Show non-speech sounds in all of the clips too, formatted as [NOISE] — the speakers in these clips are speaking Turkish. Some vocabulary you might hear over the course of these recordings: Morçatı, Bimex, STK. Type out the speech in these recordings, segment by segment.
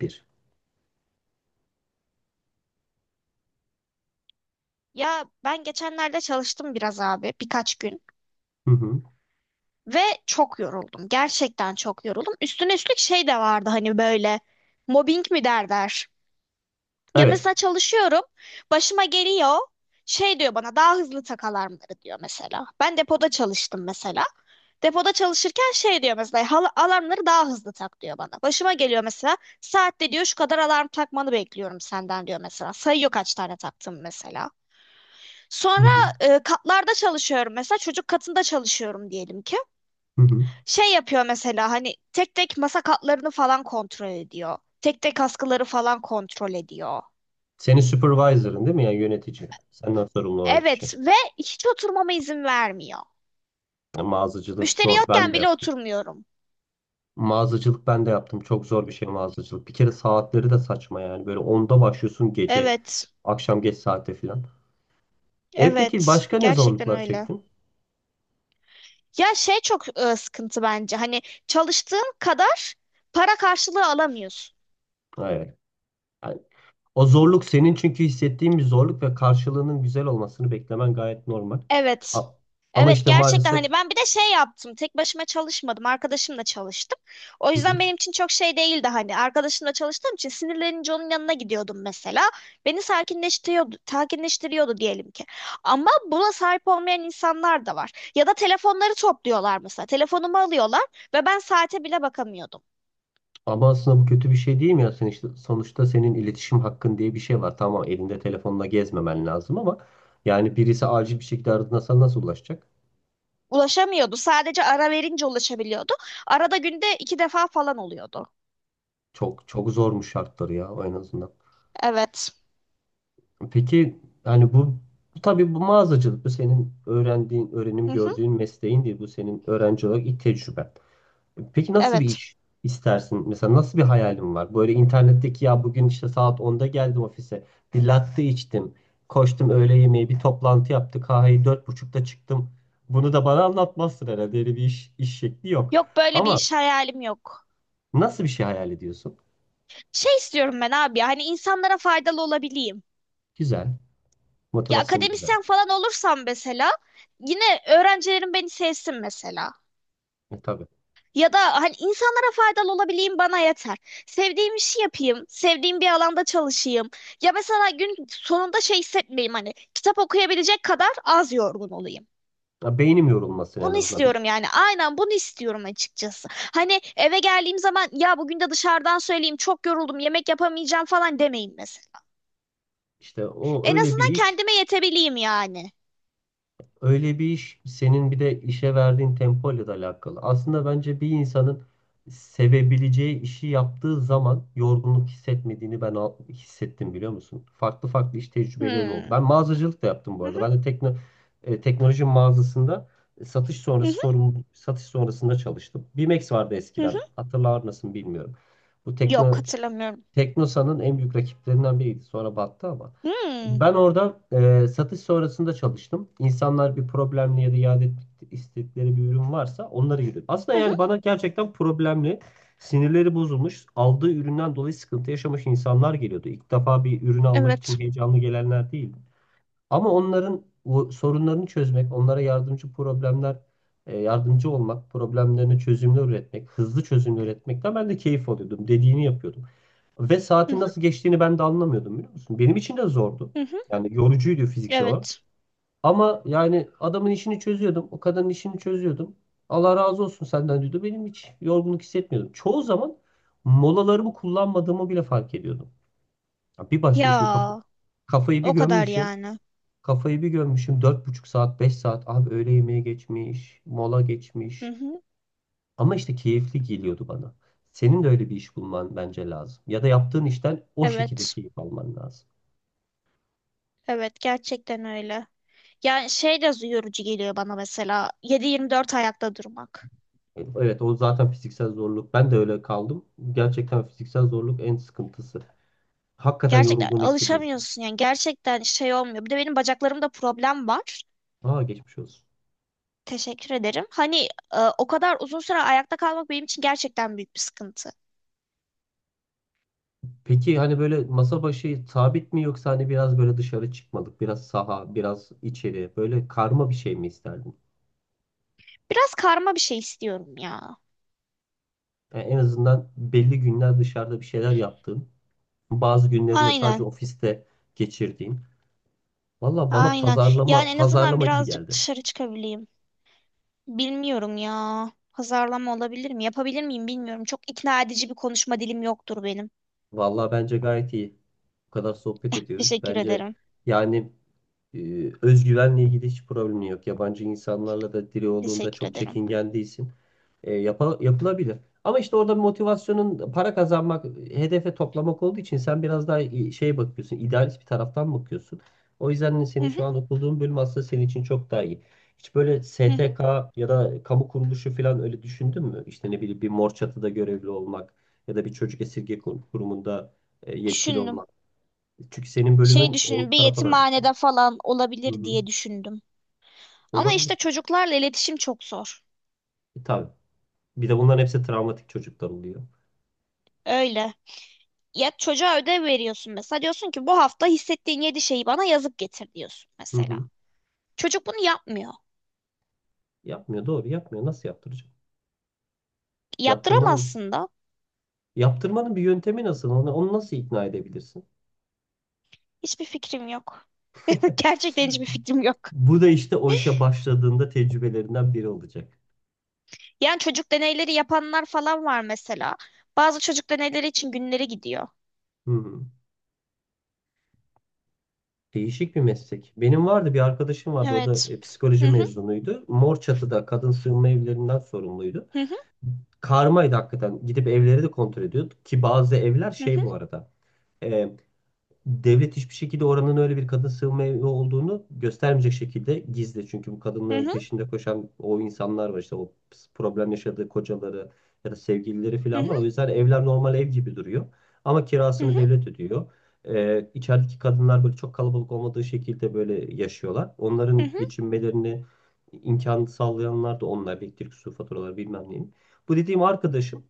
Bir. Ya ben geçenlerde çalıştım biraz abi birkaç gün Hı hı. ve çok yoruldum. Gerçekten çok yoruldum. Üstüne üstlük şey de vardı hani böyle mobbing mi derler. Ya Evet. mesela çalışıyorum başıma geliyor şey diyor bana daha hızlı tak alarmları diyor mesela. Ben depoda çalıştım mesela. Depoda çalışırken şey diyor mesela, "Hal- alarmları daha hızlı tak diyor bana. Başıma geliyor mesela saatte diyor şu kadar alarm takmanı bekliyorum senden diyor mesela. Sayıyor kaç tane taktım mesela. Hı Sonra hı. Katlarda çalışıyorum mesela, çocuk katında çalışıyorum diyelim ki. Hı hı. Şey yapıyor mesela hani tek tek masa katlarını falan kontrol ediyor. Tek tek askıları falan kontrol ediyor. Senin supervisor'ın değil mi? Yani yönetici. Senden sorumlu olan kişi. Evet ve hiç oturmama izin vermiyor. Yani mağazacılık Müşteri zor. Ben yokken de bile yaptım. oturmuyorum. Mağazacılık ben de yaptım. Çok zor bir şey mağazacılık. Bir kere saatleri de saçma yani. Böyle onda başlıyorsun gece. Evet, Akşam geç saate falan. E peki evet başka ne gerçekten zorluklar öyle. çektin? Ya şey çok sıkıntı bence hani çalıştığın kadar para karşılığı alamıyorsun. Evet. Yani o zorluk senin çünkü hissettiğin bir zorluk ve karşılığının güzel olmasını beklemen gayet normal. Evet. A- Ama Evet işte gerçekten maalesef. hani ben bir de şey yaptım. Tek başıma çalışmadım. Arkadaşımla çalıştım. O Hı hı. yüzden benim için çok şey değildi hani. Arkadaşımla çalıştığım için sinirlenince onun yanına gidiyordum mesela. Beni sakinleştiriyordu, sakinleştiriyordu diyelim ki. Ama buna sahip olmayan insanlar da var. Ya da telefonları topluyorlar mesela. Telefonumu alıyorlar ve ben saate bile bakamıyordum. Ama aslında bu kötü bir şey değil mi ya? Sen işte, sonuçta senin iletişim hakkın diye bir şey var. Tamam elinde telefonla gezmemen lazım ama yani birisi acil bir şekilde aradığında sana nasıl ulaşacak? Ulaşamıyordu. Sadece ara verince ulaşabiliyordu. Arada günde iki defa falan oluyordu. Çok çok zormuş şartları ya en azından. Evet. Peki yani bu tabii bu mağazacılık bu senin öğrendiğin, öğrenim Hı hı. gördüğün mesleğin değil. Bu senin öğrenci olarak ilk tecrüben. Peki nasıl bir Evet. iş istersin? Mesela nasıl bir hayalin var? Böyle internetteki ya bugün işte saat onda geldim ofise. Bir latte içtim. Koştum öğle yemeği bir toplantı yaptı. Kahveyi dört buçukta çıktım. Bunu da bana anlatmazsın herhalde. Öyle bir iş şekli yok. Yok böyle bir Ama iş hayalim yok. nasıl bir şey hayal ediyorsun? Şey istiyorum ben abi ya hani insanlara faydalı olabileyim. Güzel. Ya Motivasyonu güzel. akademisyen falan olursam mesela yine öğrencilerim beni sevsin mesela. Tabii. Ya da hani insanlara faydalı olabileyim bana yeter. Sevdiğim işi yapayım, sevdiğim bir alanda çalışayım. Ya mesela gün sonunda şey hissetmeyeyim hani kitap okuyabilecek kadar az yorgun olayım. Ya, beynim yorulmasın en Bunu azından. Bir, istiyorum yani. Aynen bunu istiyorum açıkçası. Hani eve geldiğim zaman ya bugün de dışarıdan söyleyeyim çok yoruldum yemek yapamayacağım falan demeyeyim mesela. işte o En öyle azından kendime yetebileyim yani. Bir iş senin bir de işe verdiğin tempoyla da alakalı. Aslında bence bir insanın sevebileceği işi yaptığı zaman yorgunluk hissetmediğini hissettim biliyor musun? Farklı farklı iş tecrübelerim oldu. Hmm. Ben mağazacılık da yaptım bu Hı arada. hı, Ben de teknoloji mağazasında satış hı sonrası hı, sorumlu satış sonrasında çalıştım. Bimex vardı hı hı. eskiden. Hatırlar mısın bilmiyorum. Bu Yok tekno hatırlamıyorum. Teknosa'nın en büyük rakiplerinden biriydi. Sonra battı ama. Hmm. Ben orada satış sonrasında çalıştım. İnsanlar bir problemli ya da iade etmek istedikleri bir ürün varsa onları yürüdüm. Aslında Hı hı. yani bana gerçekten problemli, sinirleri bozulmuş, aldığı üründen dolayı sıkıntı yaşamış insanlar geliyordu. İlk defa bir ürün almak için Evet. heyecanlı gelenler değil. Ama onların o sorunlarını çözmek, onlara yardımcı yardımcı olmak, problemlerine çözümler üretmek, hızlı çözümler üretmekten ben de keyif alıyordum. Dediğini yapıyordum. Ve Hı saatin hı, nasıl geçtiğini ben de anlamıyordum biliyor musun? Benim için de zordu. hı hı. Yani yorucuydu fiziksel olarak. Evet. Ama yani adamın işini çözüyordum. O kadının işini çözüyordum. Allah razı olsun senden diyordu. Benim hiç yorgunluk hissetmiyordum. Çoğu zaman molalarımı kullanmadığımı bile fark ediyordum. Ya bir başmışım Ya kafayı bir o kadar gömmüşüm. yani. Kafayı bir görmüşüm dört buçuk saat 5 saat abi öğle yemeği geçmiş mola Hı geçmiş hı. ama işte keyifli geliyordu bana. Senin de öyle bir iş bulman bence lazım ya da yaptığın işten o şekilde Evet. keyif alman lazım. Evet gerçekten öyle. Yani şey de yorucu geliyor bana mesela 7/24 ayakta durmak. Evet o zaten fiziksel zorluk ben de öyle kaldım gerçekten fiziksel zorluk en sıkıntısı. Hakikaten Gerçekten yorulduğunu hissediyorsun. alışamıyorsun yani gerçekten şey olmuyor. Bir de benim bacaklarımda problem var. Aa geçmiş olsun. Teşekkür ederim. Hani o kadar uzun süre ayakta kalmak benim için gerçekten büyük bir sıkıntı. Peki hani böyle masa başı sabit mi yoksa hani biraz böyle dışarı çıkmalık, biraz saha, biraz içeri böyle karma bir şey mi isterdin? Biraz karma bir şey istiyorum ya. Yani en azından belli günler dışarıda bir şeyler yaptığım, bazı günlerinde sadece Aynen. ofiste geçirdiğim. Valla bana Aynen. Yani pazarlama en azından pazarlama gibi birazcık geldi. dışarı çıkabileyim. Bilmiyorum ya. Pazarlama olabilir mi? Yapabilir miyim bilmiyorum. Çok ikna edici bir konuşma dilim yoktur benim. Valla bence gayet iyi. Bu kadar sohbet ediyoruz. Teşekkür Bence ederim. yani özgüvenle ilgili hiç problemin yok. Yabancı insanlarla da diri olduğunda Teşekkür çok ederim. çekingen değilsin. Yapılabilir. Ama işte orada motivasyonun para kazanmak, hedefe toplamak olduğu için sen biraz daha şeye bakıyorsun, idealist bir taraftan bakıyorsun. O yüzden Hı seni hı, şu an okuduğun bölüm aslında senin için çok daha iyi. Hiç böyle hı hı. STK ya da kamu kuruluşu falan öyle düşündün mü? İşte ne bileyim bir mor çatıda görevli olmak ya da bir çocuk kurumunda yetkili Düşündüm. olmak. Çünkü senin Şey bölümün o düşündüm. Bir tarafa da bak. yetimhanede falan Hı olabilir hı. diye düşündüm. Ama Olabilir. işte çocuklarla iletişim çok zor. E, tabii. Bir de bunların hepsi travmatik çocuklar oluyor. Öyle. Ya çocuğa ödev veriyorsun mesela. Diyorsun ki bu hafta hissettiğin yedi şeyi bana yazıp getir diyorsun Hı mesela. hı. Çocuk bunu yapmıyor. Yapmıyor doğru yapmıyor. Nasıl yaptıracak? Yaptırmanın Yaptıramazsın da. yaptırmanın bir yöntemi nasıl? Onu nasıl ikna edebilirsin? Hiçbir fikrim yok. [LAUGHS] Gerçekten [LAUGHS] hiçbir fikrim yok. Bu da işte o işe başladığında tecrübelerinden biri olacak. Yani çocuk deneyleri yapanlar falan var mesela. Bazı çocuk deneyleri için günleri gidiyor. Hı hı. Değişik bir meslek. Benim bir arkadaşım vardı. O da Evet. Hı psikoloji hı mezunuydu. Morçatı'da kadın sığınma evlerinden sorumluydu. hı hı Karmaydı hakikaten. Gidip evleri de kontrol ediyordu. Ki bazı evler hı şey bu arada. e, Devlet hiçbir şekilde oranın öyle bir kadın sığınma evi olduğunu göstermeyecek şekilde gizli. Çünkü bu hı kadınların hı peşinde koşan o insanlar var işte o problem yaşadığı kocaları ya da sevgilileri hı falan hı var. O yüzden evler normal ev gibi duruyor. Ama hı kirasını hı devlet ödüyor. İçerideki kadınlar böyle çok kalabalık olmadığı şekilde böyle yaşıyorlar. hı Onların hı. geçinmelerini imkan sağlayanlar da onlar. Elektrik, su faturaları bilmem neyim. Bu dediğim arkadaşım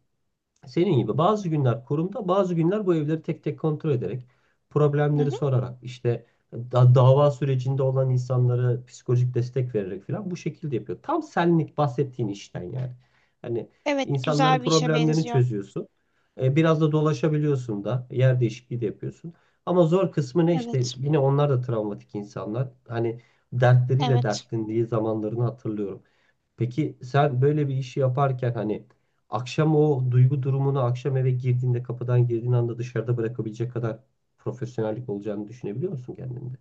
senin gibi bazı günler kurumda, bazı günler bu evleri tek tek kontrol ederek, Hı problemleri hı. sorarak, işte dava sürecinde olan insanlara psikolojik destek vererek falan bu şekilde yapıyor. Tam senlik bahsettiğin işten yani. Hani Evet, insanların güzel bir işe problemlerini benziyor. çözüyorsun. E, biraz da dolaşabiliyorsun da, yer değişikliği de yapıyorsun. Ama zor kısmı ne işte Evet. yine onlar da travmatik insanlar. Hani dertleriyle Evet. dertlendiği zamanlarını hatırlıyorum. Peki sen böyle bir işi yaparken hani akşam o duygu durumunu akşam eve girdiğinde kapıdan girdiğin anda dışarıda bırakabilecek kadar profesyonellik olacağını düşünebiliyor musun kendinde?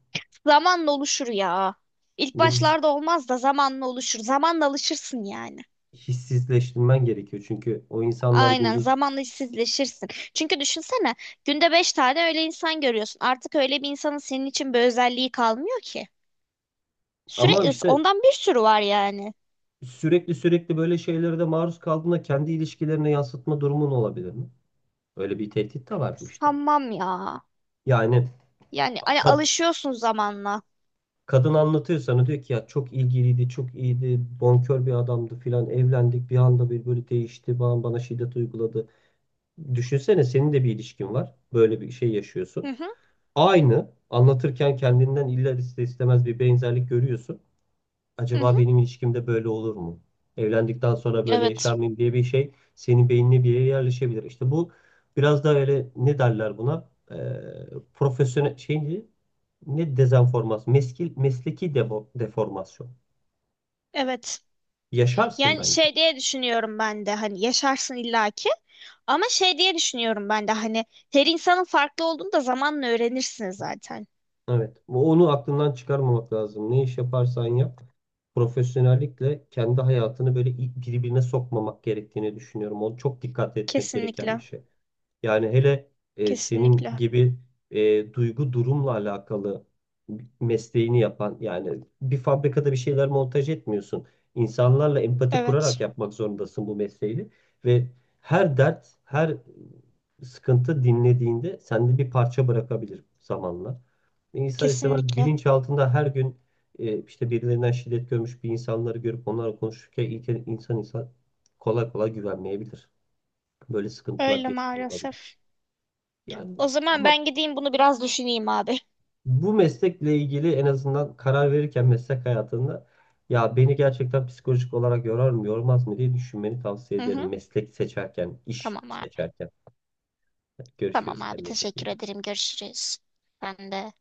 Zamanla oluşur ya. İlk Yine biz başlarda olmaz da zamanla oluşur. Zamanla alışırsın yani. hissizleştirmen gerekiyor çünkü o insanlar Aynen gündüz zamanla işsizleşirsin. Çünkü düşünsene günde beş tane öyle insan görüyorsun. Artık öyle bir insanın senin için bir özelliği kalmıyor ki. ama Sürekli işte ondan bir sürü var yani. sürekli sürekli böyle şeylere de maruz kaldığında kendi ilişkilerine yansıtma durumun olabilir mi? Öyle bir tehdit de var bu işte. Sanmam ya. Yani Yani hani ka- alışıyorsun zamanla. kadın anlatıyor sana diyor ki ya çok ilgiliydi, çok iyiydi, bonkör bir adamdı filan evlendik bir anda bir böyle değişti, bana şiddet uyguladı. Düşünsene senin de bir ilişkin var, böyle bir şey Hı yaşıyorsun. hı, Aynı anlatırken kendinden illa ister istemez bir benzerlik görüyorsun hı acaba hı. benim ilişkimde böyle olur mu? Evlendikten sonra böyle yaşar Evet. mıyım diye bir şey senin beynine bir yere yerleşebilir. İşte bu biraz da öyle ne derler buna? Profesyonel şey ne? Ne dezenformasyon? Mesleki deformasyon. Evet. Yaşarsın Yani bence. şey diye düşünüyorum ben de hani yaşarsın illaki ama şey diye düşünüyorum ben de hani her insanın farklı olduğunu da zamanla öğrenirsiniz zaten. Evet. Onu aklından çıkarmamak lazım. Ne iş yaparsan yap. Profesyonellikle kendi hayatını böyle birbirine sokmamak gerektiğini düşünüyorum. O çok dikkat etmek gereken bir Kesinlikle. şey. Yani hele senin Kesinlikle. gibi duygu durumla alakalı mesleğini yapan yani bir fabrikada bir şeyler montaj etmiyorsun. İnsanlarla empati Evet. kurarak yapmak zorundasın bu mesleği ve her dert, her sıkıntı dinlediğinde sende bir parça bırakabilir zamanla. İnsan istemez Kesinlikle. bilinç altında her gün işte birilerinden şiddet görmüş bir insanları görüp onlarla konuşurken ilk insan insan kolay kolay güvenmeyebilir. Böyle sıkıntılar Öyle yaşıyor olabilir. maalesef. Yani O zaman ama ben gideyim bunu biraz düşüneyim abi. bu meslekle ilgili en azından karar verirken meslek hayatında ya beni gerçekten psikolojik olarak yorar mı yormaz mı diye düşünmeni tavsiye Hı ederim. hı. Meslek seçerken, iş Tamam abi. seçerken. Hadi Tamam görüşürüz abi kendine çok iyi teşekkür bak. ederim. Görüşürüz. Ben de.